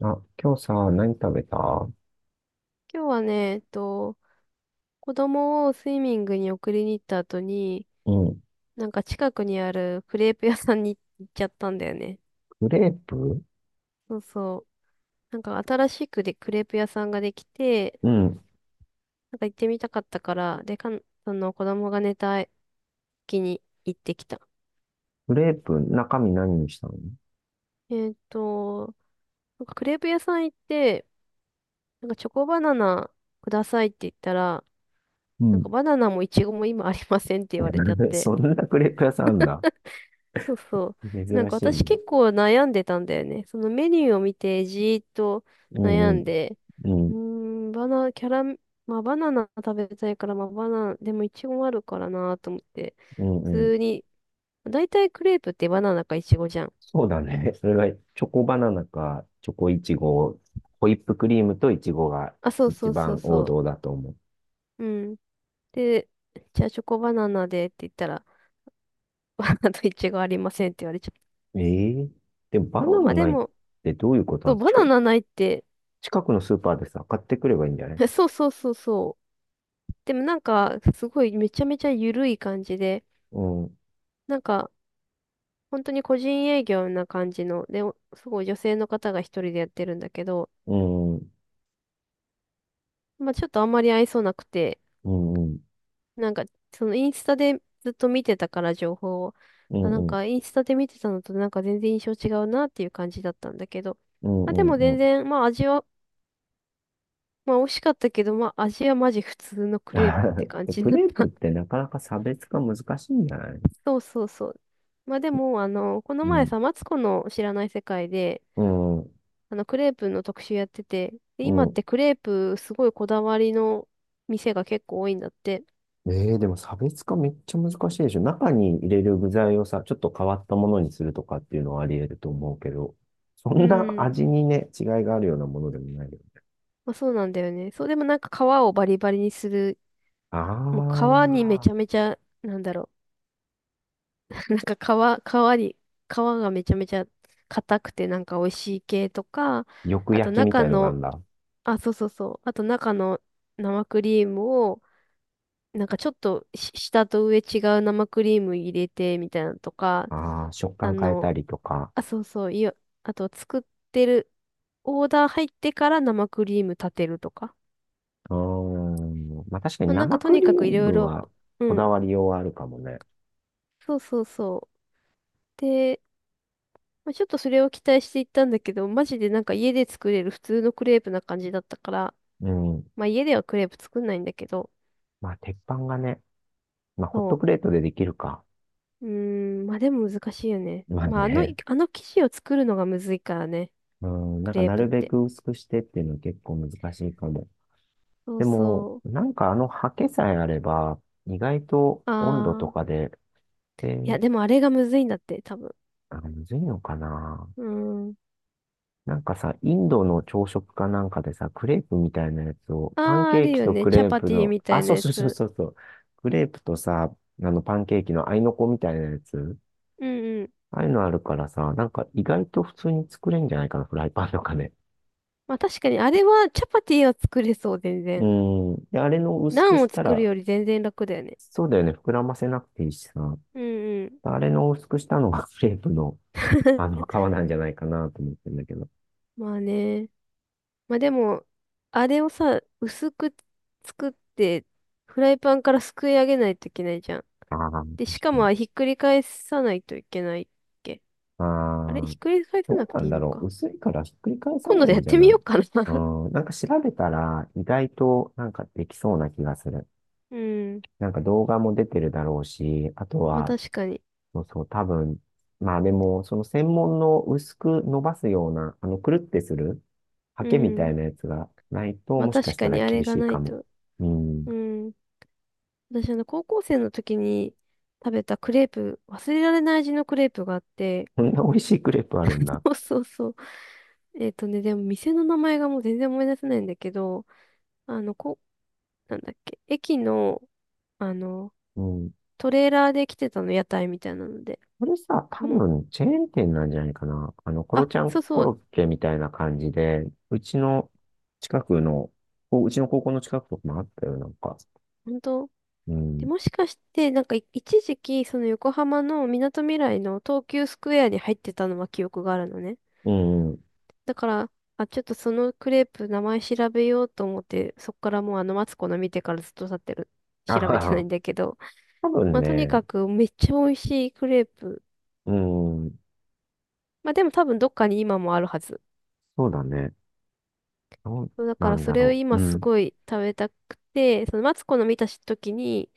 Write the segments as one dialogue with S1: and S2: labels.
S1: あ、今日さ、何食べた？
S2: 今日はね、子供をスイミングに送りに行った後に、
S1: うん。
S2: なんか近くにあるクレープ屋さんに行っちゃったんだよね。
S1: クレープ？
S2: そうそう。なんか新しくでクレープ屋さんができて、
S1: うん。
S2: なんか行ってみたかったから、で、その子供が寝た時に行ってきた。
S1: クレープ、中身何にしたの？
S2: えっと、なんかクレープ屋さん行って、なんかチョコバナナくださいって言ったら、
S1: う
S2: なんか
S1: ん。
S2: バナナもイチゴも今ありませんって言われちゃっ て、
S1: そんなクレープ屋さんあんだ。
S2: そうそう。なん
S1: 珍
S2: か
S1: しい
S2: 私
S1: ね。
S2: 結構悩んでたんだよね。そのメニューを見てじーっと
S1: う
S2: 悩
S1: んう
S2: ん
S1: ん。
S2: で、
S1: う
S2: うー
S1: ん。
S2: バナ、キャラ、まあバナナ食べたいから、まあバナナ、でもイチゴもあるからなと思って、
S1: う
S2: 普
S1: んうん。
S2: 通に、だいたいクレープってバナナかイチゴじゃん。
S1: そうだね。それがチョコバナナか、チョコイチゴ、ホイップクリームとイチゴが
S2: あ、そうそ
S1: 一
S2: うそう
S1: 番王
S2: そ
S1: 道だと思う。
S2: う。うん。で、じゃあチョコバナナでって言ったら、あとイチゴありませんって言われちゃっ
S1: ええ。でもバ
S2: た。そ
S1: ナ
S2: う、ま
S1: ナ
S2: あで
S1: ないっ
S2: も、
S1: てどういうこと
S2: そ
S1: な
S2: う、
S1: の？
S2: バナナないって、
S1: 近くのスーパーでさ、買ってくればいいんじゃない？
S2: そうそうそうそう。でもなんか、すごいめちゃめちゃ緩い感じで、
S1: うん。
S2: なんか、本当に個人営業な感じの、で、おすごい女性の方が一人でやってるんだけど、
S1: うん。
S2: まあちょっとあんまり愛想なくて、
S1: うんうん。
S2: なんか、そのインスタでずっと見てたから情報を、
S1: う
S2: あ、なん
S1: んう
S2: か
S1: ん。
S2: インスタで見てたのとなんか全然印象違うなっていう感じだったんだけど、
S1: うん
S2: まあで
S1: う
S2: も
S1: んう
S2: 全
S1: ん。
S2: 然、まあ味は、まあ美味しかったけど、まあ味はマジ普通のクレープって 感
S1: で
S2: じ
S1: ク
S2: だっ
S1: レープっ
S2: た。
S1: てなかなか差別化難しいんじゃない？
S2: そうそうそう。まあでも、あの、この
S1: う
S2: 前
S1: ん。
S2: さ、マツコの知らない世界で、
S1: うん。
S2: あの、クレープの特集やってて、で
S1: う
S2: 今っ
S1: ん。
S2: てクレープすごいこだわりの店が結構多いんだって。
S1: でも差別化めっちゃ難しいでしょ。中に入れる具材をさ、ちょっと変わったものにするとかっていうのはあり得ると思うけど、そ
S2: う
S1: んな
S2: ん。
S1: 味にね、違いがあるようなものでもないよ。
S2: まあ、そうなんだよね。そう、でもなんか皮をバリバリにする。
S1: あ
S2: もう皮にめち
S1: あ、
S2: ゃめちゃ、なんだろう。なんか皮、皮に、皮がめちゃめちゃ硬くてなんか美味しい系とか、
S1: よ
S2: あと
S1: 焼きみ
S2: 中
S1: たいのがある
S2: の、
S1: んだ。
S2: あ、そうそうそう。あと中の生クリームを、なんかちょっとし下と上違う生クリーム入れてみたいなのとか、
S1: ああ、食
S2: あ
S1: 感変えた
S2: の、
S1: りとか。
S2: あ、そうそう、いや、あと作ってる、オーダー入ってから生クリーム立てるとか。
S1: うーん。まあ確かに
S2: まあ、なんか
S1: 生
S2: と
S1: ク
S2: に
S1: リー
S2: かくいろい
S1: ム
S2: ろ、
S1: は
S2: う
S1: こだ
S2: ん、
S1: わりようはあるかもね。
S2: そうそうそう。で、まあ、ちょっとそれを期待していったんだけど、マジでなんか家で作れる普通のクレープな感じだったから、
S1: うん。
S2: まあ家ではクレープ作んないんだけど、
S1: まあ鉄板がね、まあ、ホット
S2: そ
S1: プレートでできるか。
S2: う。うーん、まあでも難しいよね。
S1: まあ
S2: まああの、
S1: ね。
S2: あの生地を作るのがむずいからね、
S1: うん、な
S2: ク
S1: んか
S2: レー
S1: な
S2: プっ
S1: るべ
S2: て。
S1: く薄くしてっていうのは結構難しいかも。
S2: そう
S1: でも、
S2: そう。
S1: なんかあの刷毛さえあれば、意外と温度と
S2: あー。
S1: かで、で、
S2: いや、でもあれがむずいんだって、多分。
S1: あ、むずいのかな。
S2: うーん。
S1: なんかさ、インドの朝食かなんかでさ、クレープみたいなやつを、パン
S2: ああ、あ
S1: ケー
S2: る
S1: キ
S2: よ
S1: と
S2: ね。
S1: ク
S2: チャ
S1: レー
S2: パ
S1: プ
S2: ティ
S1: の、
S2: みた
S1: あ、
S2: い
S1: そ
S2: な
S1: う
S2: や
S1: そうそう
S2: つ。
S1: そうそう、クレープとさ、あのパンケーキの合いの子みたいなやつ、
S2: うんうん。
S1: ああいうのあるからさ、なんか意外と普通に作れんじゃないかな、フライパンとかね。
S2: まあ確かに、あれはチャパティは作れそう、全
S1: う
S2: 然。
S1: ん。で、あれの薄
S2: ナ
S1: く
S2: ン
S1: し
S2: を
S1: た
S2: 作る
S1: ら、
S2: より全然楽だよね。
S1: そうだよね、膨らませなくていいしさ。
S2: うんうん。
S1: あれの薄くしたのが クレープの、あ の、皮なんじゃないかなと思ってんだけど。
S2: まあね。まあでも、あれをさ、薄く作って、フライパンからすくい上げないといけないじゃん。
S1: ああ、確
S2: で、しか
S1: かに。
S2: もひっくり返さないといけないっけ。
S1: あ
S2: あれひ
S1: あ、
S2: っくり返さ
S1: ど
S2: な
S1: う
S2: く
S1: な
S2: て
S1: ん
S2: いい
S1: だ
S2: の
S1: ろう。
S2: か。
S1: 薄いからひっくり返さ
S2: 今度
S1: ない
S2: や
S1: ん
S2: っ
S1: じゃ
S2: てみ
S1: な
S2: よ
S1: い？
S2: うかな。
S1: う ん、なんか調べたら、意外となんかできそうな気がする。
S2: うん。
S1: なんか動画も出てるだろうし、あと
S2: まあ
S1: は、
S2: 確かに。
S1: そうそう、多分、まあでも、その専門の薄く伸ばすような、あの、くるってするハ
S2: う
S1: ケみた
S2: ん。
S1: いなやつがないと、
S2: まあ
S1: もしか
S2: 確
S1: した
S2: か
S1: ら
S2: にあれ
S1: 厳
S2: が
S1: しい
S2: な
S1: か
S2: い
S1: も。
S2: と。
S1: うん。
S2: うん。私、あの、高校生の時に食べたクレープ、忘れられない味のクレープがあって、
S1: こんな美味しいクレープあるん だ。
S2: そうそうそう。えっとね、でも店の名前がもう全然思い出せないんだけど、あの、こ、なんだっけ、駅の、あの、
S1: うん。
S2: トレーラーで来てたの、屋台みたいなので。
S1: これさ、多
S2: もう、
S1: 分、チェーン店なんじゃないかな。あの、コロ
S2: あ、
S1: ちゃ
S2: そ
S1: ん
S2: う
S1: コ
S2: そ
S1: ロ
S2: う、
S1: ッケみたいな感じで、うちの近くの、こううちの高校の近くとかもあったよ、なんか。
S2: 本当
S1: う
S2: で、
S1: ん。
S2: もしかして、なんかい、一時期、その横浜のみなとみらいの東急スクエアに入ってたのは記憶があるのね。
S1: うん。
S2: だから、あ、ちょっとそのクレープ名前調べようと思って、そっからもうあのマツコの見てからずっと経ってる。調べて
S1: あ
S2: ない
S1: あ、
S2: んだけど。
S1: 多分
S2: まあとに
S1: ね、
S2: かくめっちゃ美味しいクレープ。
S1: うん。
S2: まあでも多分どっかに今もあるはず。
S1: そうだね。どう
S2: そうだか
S1: な
S2: ら
S1: ん
S2: そ
S1: だ
S2: れを
S1: ろう。
S2: 今
S1: う
S2: す
S1: ん。
S2: ごい食べたくて、そのマツコの見た時に、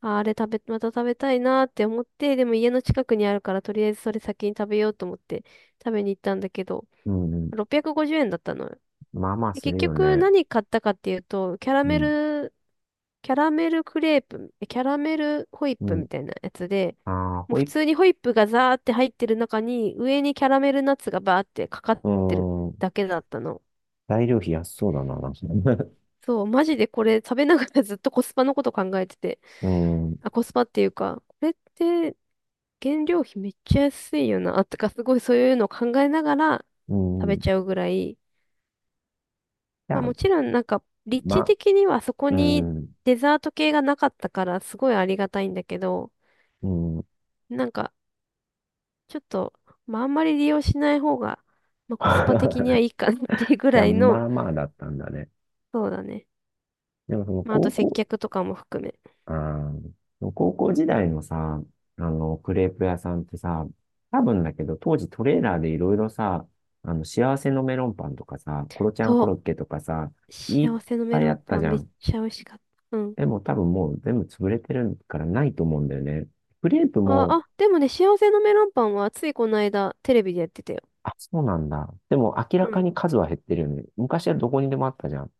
S2: あ、あれ食べ、また食べたいなって思って、でも家の近くにあるからとりあえずそれ先に食べようと思って食べに行ったんだけど、
S1: うん。
S2: 650円だったのよ。
S1: まあまあ
S2: で
S1: す
S2: 結
S1: るよ
S2: 局
S1: ね。
S2: 何買ったかっていうと、
S1: うん。
S2: キャラメルクレープ、キャラメルホイッ
S1: う
S2: プ
S1: ん。
S2: みたいなやつで、
S1: ああ、
S2: もう
S1: ホイ
S2: 普
S1: ップ、
S2: 通にホイップがザーって入ってる中に、上にキャラメルナッツがバーってかかっ
S1: う
S2: てる
S1: ん。
S2: だけだったの。
S1: 材料費安そうだな、なんか
S2: そう、マジでこれ食べながらずっとコスパのこと考えてて、
S1: うん、
S2: あ、コスパっていうか、これって原料費めっちゃ安いよな、とかすごいそういうのを考えながら
S1: う
S2: 食
S1: ん。
S2: べ
S1: じ
S2: ちゃうぐらい、
S1: ゃ
S2: まあ
S1: あ、
S2: もちろんなんか、立地
S1: ま、
S2: 的にはそこ
S1: う
S2: に
S1: ん、
S2: デザート系がなかったからすごいありがたいんだけど、
S1: うん。
S2: なんか、ちょっと、まあ、あんまり利用しない方が、まあ、コスパ的には いいかなっていうぐ
S1: じゃあ、
S2: らい
S1: ま
S2: の、
S1: あまあだったんだね。
S2: そうだね。
S1: でもその
S2: まあ、あと
S1: 高
S2: 接
S1: 校、
S2: 客とかも含め。
S1: あーその高校時代のさ、あの、クレープ屋さんってさ、多分だけど、当時トレーラーでいろいろさ、あの、幸せのメロンパンとかさ、コロちゃんコ
S2: そ
S1: ロッケとかさ、
S2: う。
S1: いっ
S2: 幸せの
S1: ぱ
S2: メ
S1: い
S2: ロ
S1: あ
S2: ン
S1: った
S2: パ
S1: じ
S2: ン
S1: ゃ
S2: めっ
S1: ん。
S2: ちゃ美味しかった。うん。
S1: でも多分もう全部潰れてるからないと思うんだよね。クレープ
S2: あ、
S1: も。
S2: あ、でもね、幸せのメロンパンはついこの間テレビでやってたよ。
S1: あ、そうなんだ。でも明ら
S2: う
S1: か
S2: ん。
S1: に数は減ってるよね。昔はどこにでもあったじゃん。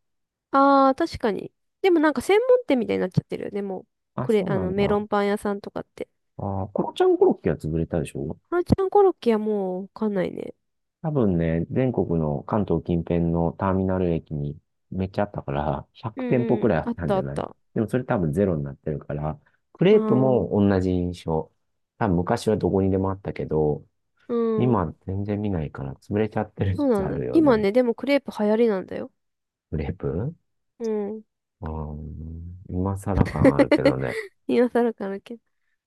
S2: ああ、確かに。でもなんか専門店みたいになっちゃってるよね。もう、
S1: あ、
S2: これ、
S1: そう
S2: あ
S1: な
S2: の、
S1: ん
S2: メロ
S1: だ。
S2: ンパン屋さんとかって。
S1: あー、コロちゃんコロッケは潰れたでしょ？
S2: ハラちゃんコロッケはもうわかんないね。
S1: 多分ね、全国の関東近辺のターミナル駅にめっちゃあったから、
S2: う
S1: 100店舗
S2: んう
S1: く
S2: ん。
S1: らいあ
S2: あ
S1: っ
S2: っ
S1: たん
S2: た
S1: じ
S2: あ
S1: ゃ
S2: っ
S1: な
S2: た。
S1: い？
S2: あ
S1: でもそれ多分ゼロになってるから、ク
S2: あ、
S1: レ
S2: う
S1: ープ
S2: ん。
S1: も同じ印象。多分昔はどこにでもあったけど、今全然見ないから潰れちゃってる
S2: そう
S1: 説
S2: な
S1: あ
S2: んだ。
S1: るよ
S2: 今
S1: ね。
S2: ね、でもクレープ流行りなんだよ。
S1: クレープ？
S2: うん。
S1: うん、今更感あるけど ね。
S2: 今更かなけど。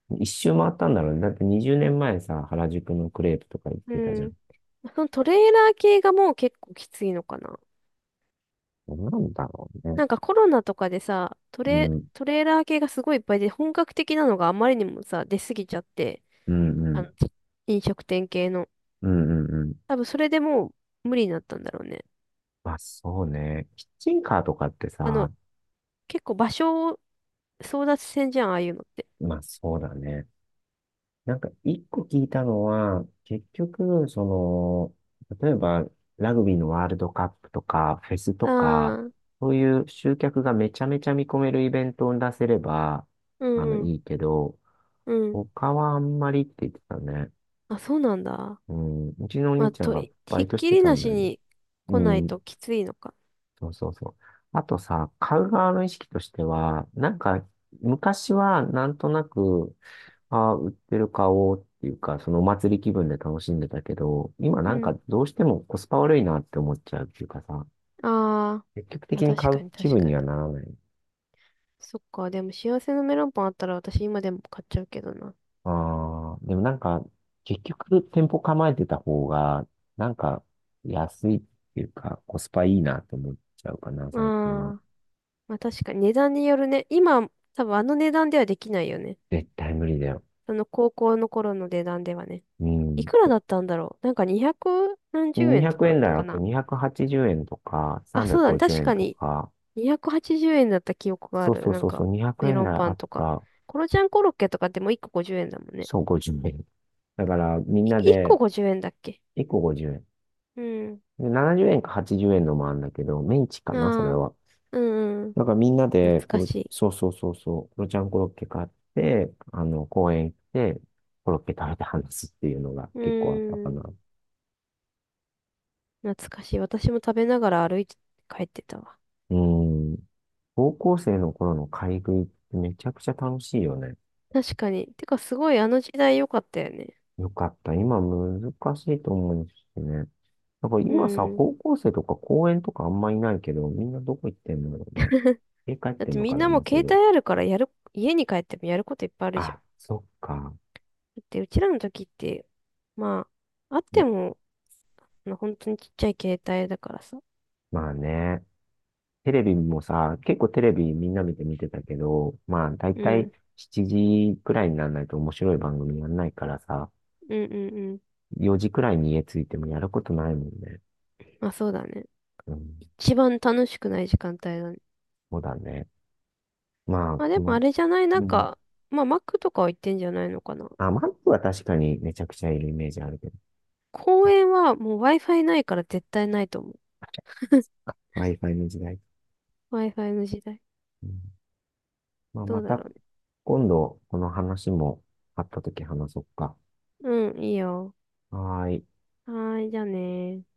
S1: 一周回ったんだろうね。だって20年前さ、原宿のクレープとか行っ
S2: う
S1: てたじゃん。
S2: ん。そのトレーラー系がもう結構きついのかな。
S1: なんだろうね。
S2: なんかコロナとかでさ、
S1: うん、
S2: トレーラー系がすごいいっぱいで、本格的なのがあまりにもさ、出すぎちゃって、
S1: うん、う
S2: あの、
S1: ん、
S2: 飲食店系の。
S1: うん、うんうん。
S2: 多分それでもう無理になったんだろうね。
S1: まあそうね。キッチンカーとかって
S2: あ
S1: さ、
S2: の、結構場所を争奪戦じゃん、ああいうのって。
S1: まあそうだね。なんか一個聞いたのは、結局、その、例えばラグビーのワールドカップとか、フェスとか、
S2: ああ、
S1: そういう集客がめちゃめちゃ見込めるイベントを出せれば、
S2: う
S1: あの、
S2: んうん、
S1: いいけど、
S2: うん。
S1: 他はあんまりって言ってたね。
S2: あ、そうなんだ。
S1: うん、うちのお
S2: ま
S1: 兄
S2: あ、
S1: ちゃん
S2: と、
S1: がバ
S2: ひ
S1: イ
S2: っ
S1: トし
S2: き
S1: て
S2: り
S1: た
S2: な
S1: んだ
S2: し
S1: よね。
S2: に
S1: う
S2: 来ない
S1: ん、
S2: ときついのか。
S1: そうそうそう。あとさ、買う側の意識としては、なんか、昔はなんとなく、ああ、売ってる買おうっていうか、そのお祭り気分で楽しんでたけど、今
S2: う
S1: なんか
S2: ん。
S1: どうしてもコスパ悪いなって思っちゃうっていうかさ、
S2: ああ。
S1: 積極
S2: まあ
S1: 的に
S2: 確
S1: 買
S2: か
S1: う
S2: に
S1: 気
S2: 確
S1: 分
S2: か
S1: に
S2: に。
S1: はならない。
S2: そっか、でも幸せのメロンパンあったら私今でも買っちゃうけどな。
S1: ああ、でもなんか、結局店舗構えてた方が、なんか安いっていうか、コスパいいなって思っちゃうかな、
S2: あ
S1: 最近は。
S2: あ、まあ確かに値段によるね。今、多分あの値段ではできないよね。
S1: 絶対無理だよ。
S2: その高校の頃の値段ではね。
S1: う
S2: い
S1: ん。
S2: くらだったんだろう。なんか200何十円
S1: 200
S2: とかだっ
S1: 円台
S2: た
S1: あ
S2: か
S1: って
S2: な。
S1: 280円とか
S2: あ、そうだね。
S1: 350
S2: 確
S1: 円
S2: か
S1: と
S2: に
S1: か、
S2: 280円だった記憶があ
S1: そうそ
S2: る。
S1: う
S2: なん
S1: そうそ
S2: か
S1: う、200
S2: メ
S1: 円
S2: ロン
S1: 台
S2: パ
S1: あ
S2: ン
S1: っ
S2: とか。
S1: た、
S2: コロちゃんコロッケとかってもう1個50円だもんね。
S1: そう50円。だからみん
S2: い
S1: な
S2: 1個
S1: で
S2: 50円だっけ
S1: 1個50
S2: うん。
S1: 円。で、70円か80円のもあるんだけど、メンチか
S2: あ
S1: な、それ
S2: あ、
S1: は。
S2: うんうん。
S1: だからみんなで、
S2: 懐か
S1: これ、
S2: しい。
S1: そうそうそうそう、ロちゃんコロッケ買って、あの、公園行って、コロッケ食べて話すっていうのが
S2: う
S1: 結構あったか
S2: ーん。
S1: な。
S2: 懐かしい。私も食べながら歩いて帰ってたわ。
S1: うん。高校生の頃の買い食いってめちゃくちゃ楽しいよね。
S2: 確かに。てか、すごいあの時代良かったよね。
S1: よかった。今難しいと思うんですよね。なんか
S2: う
S1: 今さ、
S2: ん。
S1: 高校生とか公園とかあんまいないけど、みんなどこ行ってんだろうね。家帰っ
S2: だっ
S1: てん
S2: て
S1: の
S2: み
S1: か
S2: ん
S1: な、
S2: なも
S1: も
S2: う
S1: うす
S2: 携
S1: ぐ。
S2: 帯あるからやる、家に帰ってもやることいっぱいあるじゃん。
S1: あ、そっか。
S2: だってうちらの時って、まあ、あって
S1: ん。
S2: も、あの本当にちっちゃい携帯だからさ。
S1: まあね。テレビもさ、結構テレビみんな見てたけど、まあだい
S2: う
S1: たい
S2: ん。
S1: 7時くらいにならないと面白い番組やんないからさ、
S2: うんうんうん。
S1: 4時くらいに家着いてもやることないもんね。
S2: まあそうだね。
S1: うん、
S2: 一番楽しくない時間帯だね。
S1: そうだね。まあ、
S2: まあで
S1: こ
S2: もあ
S1: の、
S2: れじゃない、な
S1: う
S2: ん
S1: ん。
S2: か、まあ Mac とかは行ってんじゃないのかな。
S1: あ、マップは確かにめちゃくちゃいるイメージあるけど。
S2: 公園はもう Wi-Fi ないから絶対ないと思う。
S1: Wi-Fi の時代。
S2: Wi-Fi の時代。
S1: うん。まあ、
S2: ど
S1: ま
S2: うだろ
S1: た、
S2: うね。
S1: 今度、この話もあったとき話そっか。
S2: うん、いいよ。
S1: はーい。
S2: はーい、じゃあねー。